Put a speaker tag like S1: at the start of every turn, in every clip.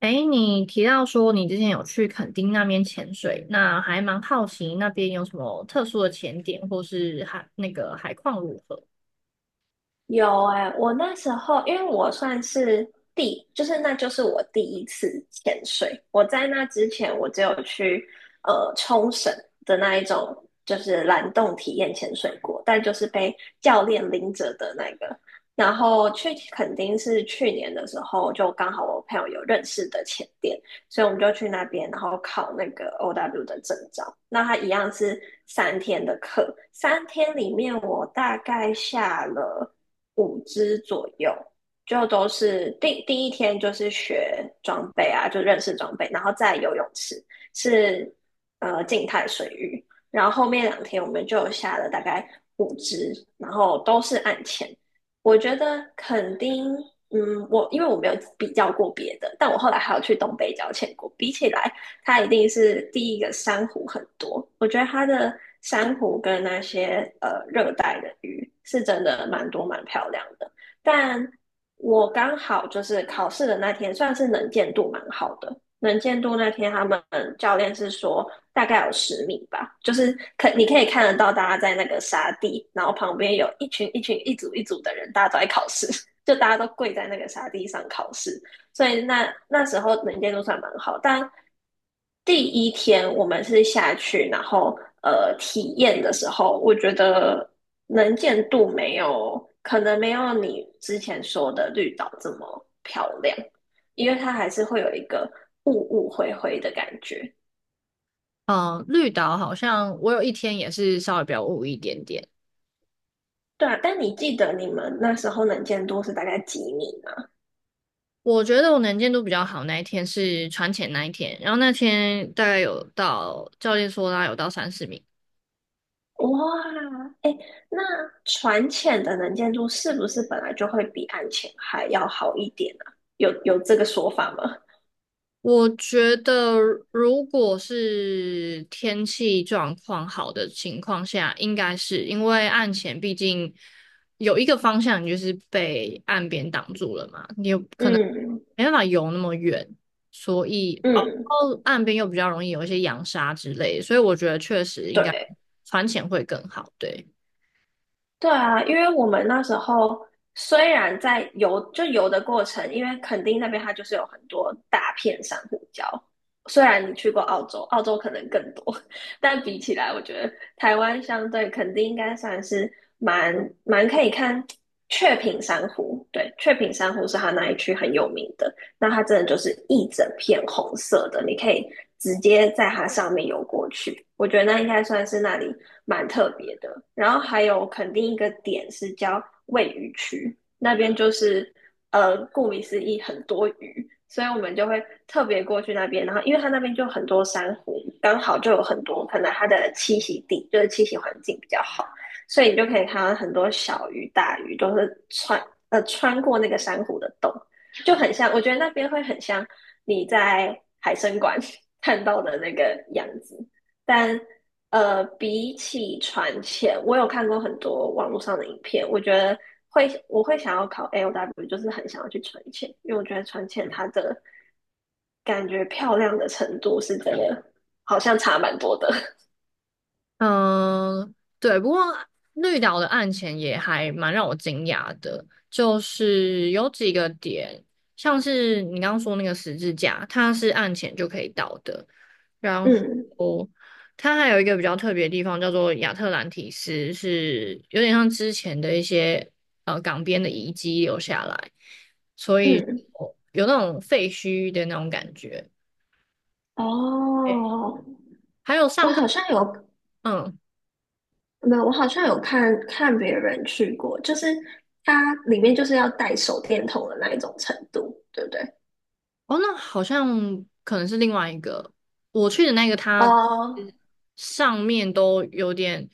S1: 诶，你提到说你之前有去垦丁那边潜水，那还蛮好奇那边有什么特殊的潜点，或是海那个海况如何？
S2: 有哎、我那时候因为我算是第，就是那就是我第一次潜水。我在那之前，我只有去冲绳的那一种，就是蓝洞体验潜水过，但就是被教练拎着的那个。然后去垦丁是去年的时候，就刚好我朋友有认识的潜店，所以我们就去那边，然后考那个 OW 的证照。那他一样是三天的课，三天里面我大概下了。五支左右，就都是第一天就是学装备啊，就认识装备，然后再游泳池是静态水域，然后后面两天我们就下了大概五只，然后都是按潜。我觉得肯定，嗯，我因为我没有比较过别的，但我后来还有去东北角潜过，比起来它一定是第一个珊瑚很多。我觉得它的珊瑚跟那些热带的鱼是真的蛮多蛮漂亮的，但我刚好就是考试的那天，算是能见度蛮好的。能见度那天，他们教练是说大概有10米吧，就是你可以看得到大家在那个沙地，然后旁边有一组一组的人，大家都在考试，就大家都跪在那个沙地上考试。所以那时候能见度算蛮好，但第一天我们是下去，然后体验的时候，我觉得能见度没有，可能没有你之前说的绿岛这么漂亮，因为它还是会有一个雾雾灰灰的感觉。
S1: 嗯，绿岛好像我有一天也是稍微比较雾一点点。
S2: 对啊，但你记得你们那时候能见度是大概几米吗？
S1: 我觉得我能见度比较好那一天是船潜那一天，然后那天大概有到教练说大概有到30米，
S2: 哇，那船浅的能见度是不是本来就会比岸浅还要好一点啊？有这个说法吗？
S1: 我觉得，如果是天气状况好的情况下，应该是因为岸前毕竟有一个方向，你就是被岸边挡住了嘛，你有可能
S2: 嗯
S1: 没办法游那么远，所以哦，
S2: 嗯，
S1: 哦岸边又比较容易有一些扬沙之类的，所以我觉得确实应该
S2: 对。
S1: 船潜会更好，对。
S2: 对啊，因为我们那时候虽然在游，就游的过程，因为垦丁那边它就是有很多大片珊瑚礁。虽然你去过澳洲，澳洲可能更多，但比起来，我觉得台湾相对垦丁应该算是蛮蛮可以看雀屏珊瑚。对，雀屏珊瑚是它那一区很有名的。那它真的就是一整片红色的，你可以直接在它上面游过去。我觉得那应该算是那里蛮特别的。然后还有肯定一个点是叫喂鱼区，那边就是顾名思义很多鱼，所以我们就会特别过去那边。然后因为它那边就很多珊瑚，刚好就有很多，可能它的栖息地就是栖息环境比较好。所以你就可以看到很多小鱼、大鱼都是穿过那个珊瑚的洞，就很像，我觉得那边会很像你在海参馆 看到的那个样子。但比起船前，我有看过很多网络上的影片，我觉得我会想要考 AOW，就是很想要去船前，因为我觉得船前它的感觉漂亮的程度是真的好像差蛮多的。
S1: 嗯，对，不过绿岛的案前也还蛮让我惊讶的，就是有几个点，像是你刚刚说那个十字架，它是案前就可以到的，然
S2: 嗯
S1: 后它还有一个比较特别的地方叫做亚特兰提斯，是有点像之前的一些港边的遗迹留下来，所以
S2: 嗯，
S1: 有那种废墟的那种感觉，诶
S2: 哦，
S1: 还有
S2: 我
S1: 上课。
S2: 好像有
S1: 嗯。
S2: 我好像有看别人去过，就是它里面就是要带手电筒的那一种程度，对不对？
S1: 哦，那好像可能是另外一个。我去的那个，它
S2: 哦，
S1: 上面都有点，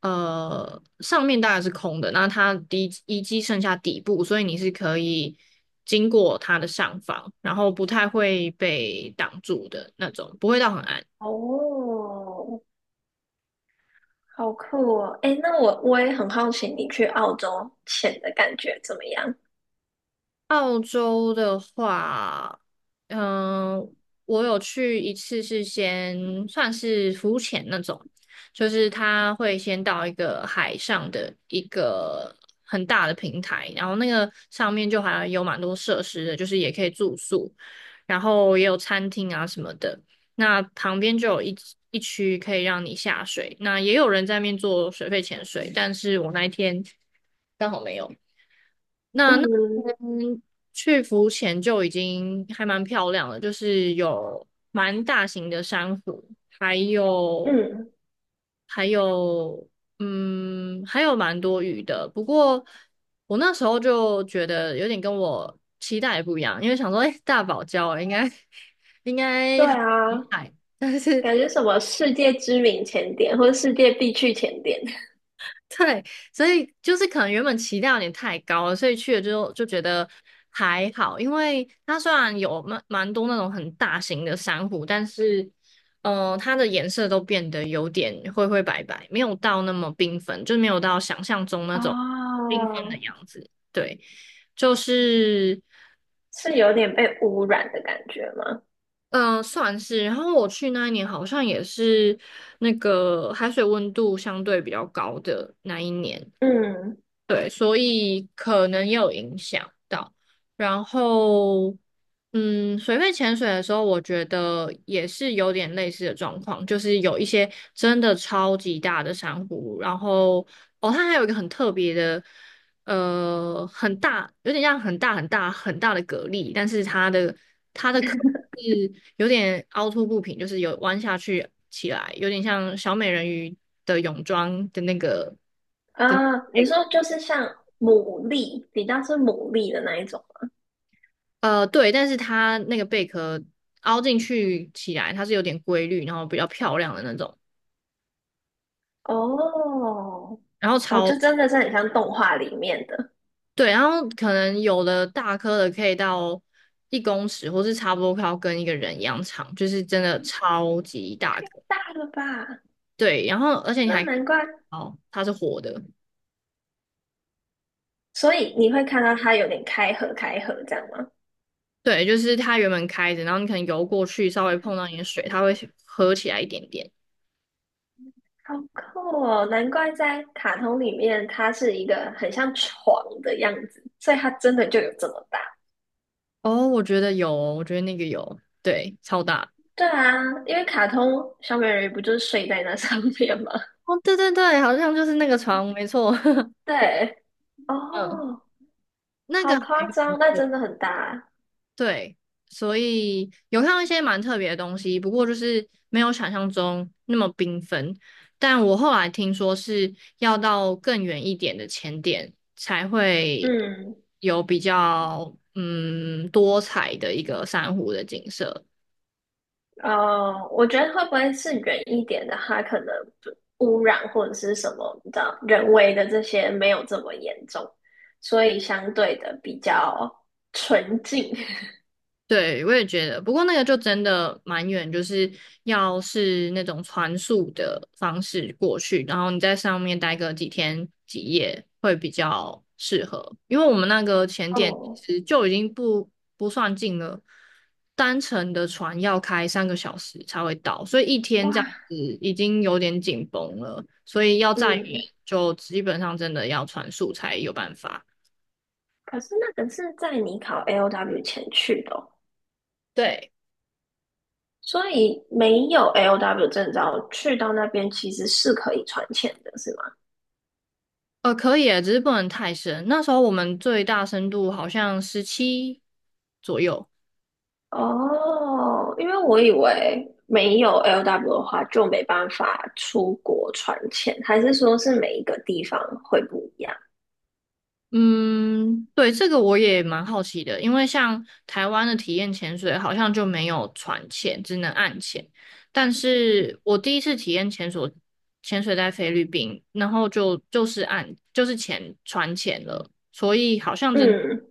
S1: 上面大概是空的，那它底遗迹剩下底部，所以你是可以经过它的上方，然后不太会被挡住的那种，不会到很暗。
S2: 哦，好酷哦！诶，那我也很好奇，你去澳洲潜的感觉怎么样？
S1: 澳洲的 话，嗯、我有去一次，是先算是浮潜那种，就是他会先到一个海上的一个很大的平台，然后那个上面就好像有蛮多设施的，就是也可以住宿，然后也有餐厅啊什么的。那旁边就有一区可以让你下水，那也有人在那边做水肺潜水，但是我那一天刚好没有。那那
S2: 嗯
S1: 天去浮潜就已经还蛮漂亮了，就是有蛮大型的珊瑚，还有
S2: 嗯，
S1: 还有还有蛮多鱼的。不过我那时候就觉得有点跟我期待不一样，因为想说，哎、大堡礁应该 应
S2: 对
S1: 该很厉
S2: 啊，
S1: 害。
S2: 感觉什么世界知名前点或者世界必去前点，
S1: 对，所以就是可能原本期待有点太高了，所以去了之后就觉得还好，因为它虽然有蛮多那种很大型的珊瑚，但是它的颜色都变得有点灰灰白白，没有到那么缤纷，就没有到想象中那种缤纷的
S2: 哦，
S1: 样子。对，就是
S2: 是有点被污染的感觉吗？
S1: 算是。然后我去那一年好像也是那个海水温度相对比较高的那一年。
S2: 嗯
S1: 对，所以可能也有影响到。然后，水肺潜水的时候，我觉得也是有点类似的状况，就是有一些真的超级大的珊瑚，然后哦，它还有一个很特别的，很大，有点像很大很大很大的蛤蜊，但是它的壳是有点凹凸不平，就是有弯下去起来，有点像小美人鱼的泳装的那个。的。
S2: 啊，你说就是像牡蛎，比较是牡蛎的那一种。
S1: 对，但是它那个贝壳凹进去起来，它是有点规律，然后比较漂亮的那种，
S2: 哦，
S1: 然后
S2: 哦，
S1: 超，
S2: 就真的是很像动画里面的，
S1: 对，然后可能有的大颗的可以到1公尺，或是差不多快要跟一个人一样长，就是真的超级大颗。
S2: 大了吧？
S1: 对，然后而且你
S2: 那
S1: 还
S2: 难怪，
S1: 哦，它是活的，
S2: 所以你会看到它有点开合开合这样吗？
S1: 对，就是它原本开着，然后你可能游过去，稍微碰到你的水，它会合起来一点点。
S2: 好酷哦！难怪在卡通里面，它是一个很像床的样子，所以它真的就有这么大。
S1: 哦，我觉得有，哦我觉得那个有，对，超大。
S2: 对啊，因为卡通小美人鱼不就是睡在那上面吗？
S1: 哦，对对对，好像就是那个床，没错。
S2: 对，
S1: 嗯。
S2: 哦，
S1: 那
S2: 好
S1: 个还
S2: 夸
S1: 蛮
S2: 张，那
S1: 特
S2: 真的很大。
S1: 对，所以有看到一些蛮特别的东西，不过就是没有想象中那么缤纷。但我后来听说是要到更远一点的前点才会
S2: 嗯，
S1: 有比较多彩的一个珊瑚的景色。
S2: 哦，我觉得会不会是远一点的，它可能污染或者是什么你知道，人为的这些没有这么严重，所以相对的比较纯净。
S1: 对，我也觉得，不过那个就真的蛮远，就是要是那种船速的方式过去，然后你在上面待个几天几夜会比较适合，因为我们那个前 点
S2: 哦，
S1: 其实就已经不算近了，单程的船要开3个小时才会到，所以一天
S2: 哇，
S1: 这样子已经有点紧绷了，所以要再远
S2: 嗯，
S1: 就基本上真的要船速才有办法。
S2: 可是那个是在你考 L O w 前去的哦。
S1: 对。
S2: 所以没有 L o w 证照，去到那边其实是可以传钱的，是吗？
S1: 可以耶，只是不能太深。那时候我们最大深度好像17左右。
S2: 哦，因为我以为没有 L O w 的话就没办法出国传钱，还是说是每一个地方会不一样？
S1: 嗯，对，这个我也蛮好奇的，因为像台湾的体验潜水好像就没有船潜，只能岸潜。但是我第一次体验潜水，潜水在菲律宾，然后就是岸，就是潜船潜了，所以好像真
S2: 嗯，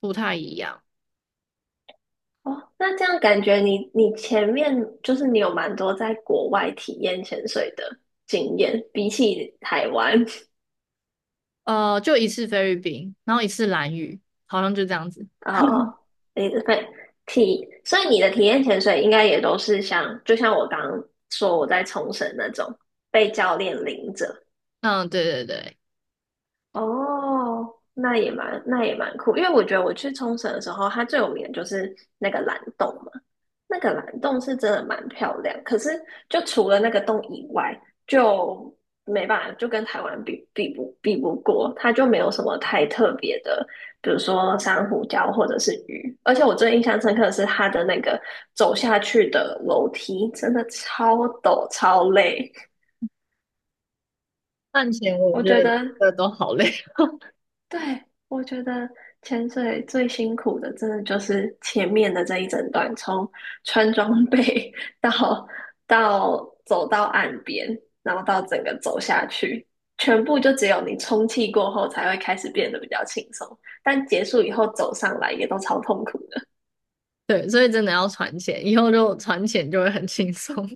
S1: 不太一样。
S2: 哦，那这样感觉你前面就是你有蛮多在国外体验潜水的经验，比起台湾。
S1: 就一次菲律宾，然后一次蓝屿，好像就这样子。
S2: 哦，你的对体，所以你的体验潜水应该也都是像，就像我刚刚说我在冲绳那种被教练领着，
S1: 嗯，对对对。
S2: 哦，那也蛮酷，因为我觉得我去冲绳的时候，它最有名的就是那个蓝洞嘛。那个蓝洞是真的蛮漂亮，可是就除了那个洞以外，就没办法，就跟台湾比不过，它就没有什么太特别的，比如说珊瑚礁或者是鱼。而且我最印象深刻的是它的那个走下去的楼梯，真的超陡超累。
S1: 赚钱我
S2: 我
S1: 觉
S2: 觉
S1: 得
S2: 得
S1: 这都好累，
S2: 对，我觉得潜水最辛苦的，真的就是前面的这一整段，从穿装备 到到走到岸边，然后到整个走下去，全部就只有你充气过后才会开始变得比较轻松，但结束以后走上来也都超痛苦的。
S1: 对，所以真的要存钱，以后就存钱就会很轻松。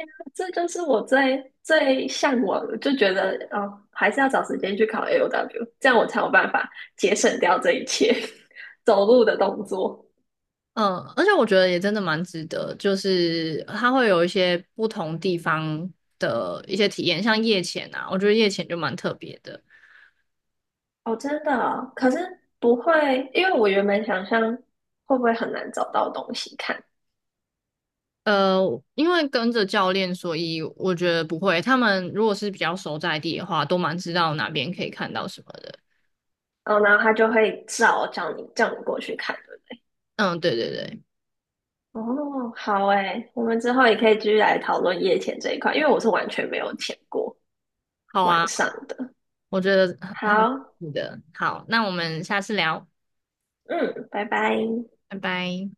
S2: 这就是我最最向往的，就觉得哦，还是要找时间去考 AOW，这样我才有办法节省掉这一切 走路的动作。
S1: 嗯，而且我觉得也真的蛮值得，就是它会有一些不同地方的一些体验，像夜潜啊，我觉得夜潜就蛮特别的。
S2: 哦，真的哦可是不会，因为我原本想象会不会很难找到东西看，
S1: 呃，因为跟着教练，所以我觉得不会。他们如果是比较熟在地的话，都蛮知道哪边可以看到什么的。
S2: 然后他就会叫你过去看，对不对？
S1: 嗯，对对对，
S2: 哦，好诶，我们之后也可以继续来讨论夜潜这一块，因为我是完全没有潜过
S1: 好
S2: 晚
S1: 啊，
S2: 上的。
S1: 我觉得很
S2: 好，
S1: 很有趣的。好，那我们下次聊，
S2: 嗯，拜拜。
S1: 拜拜。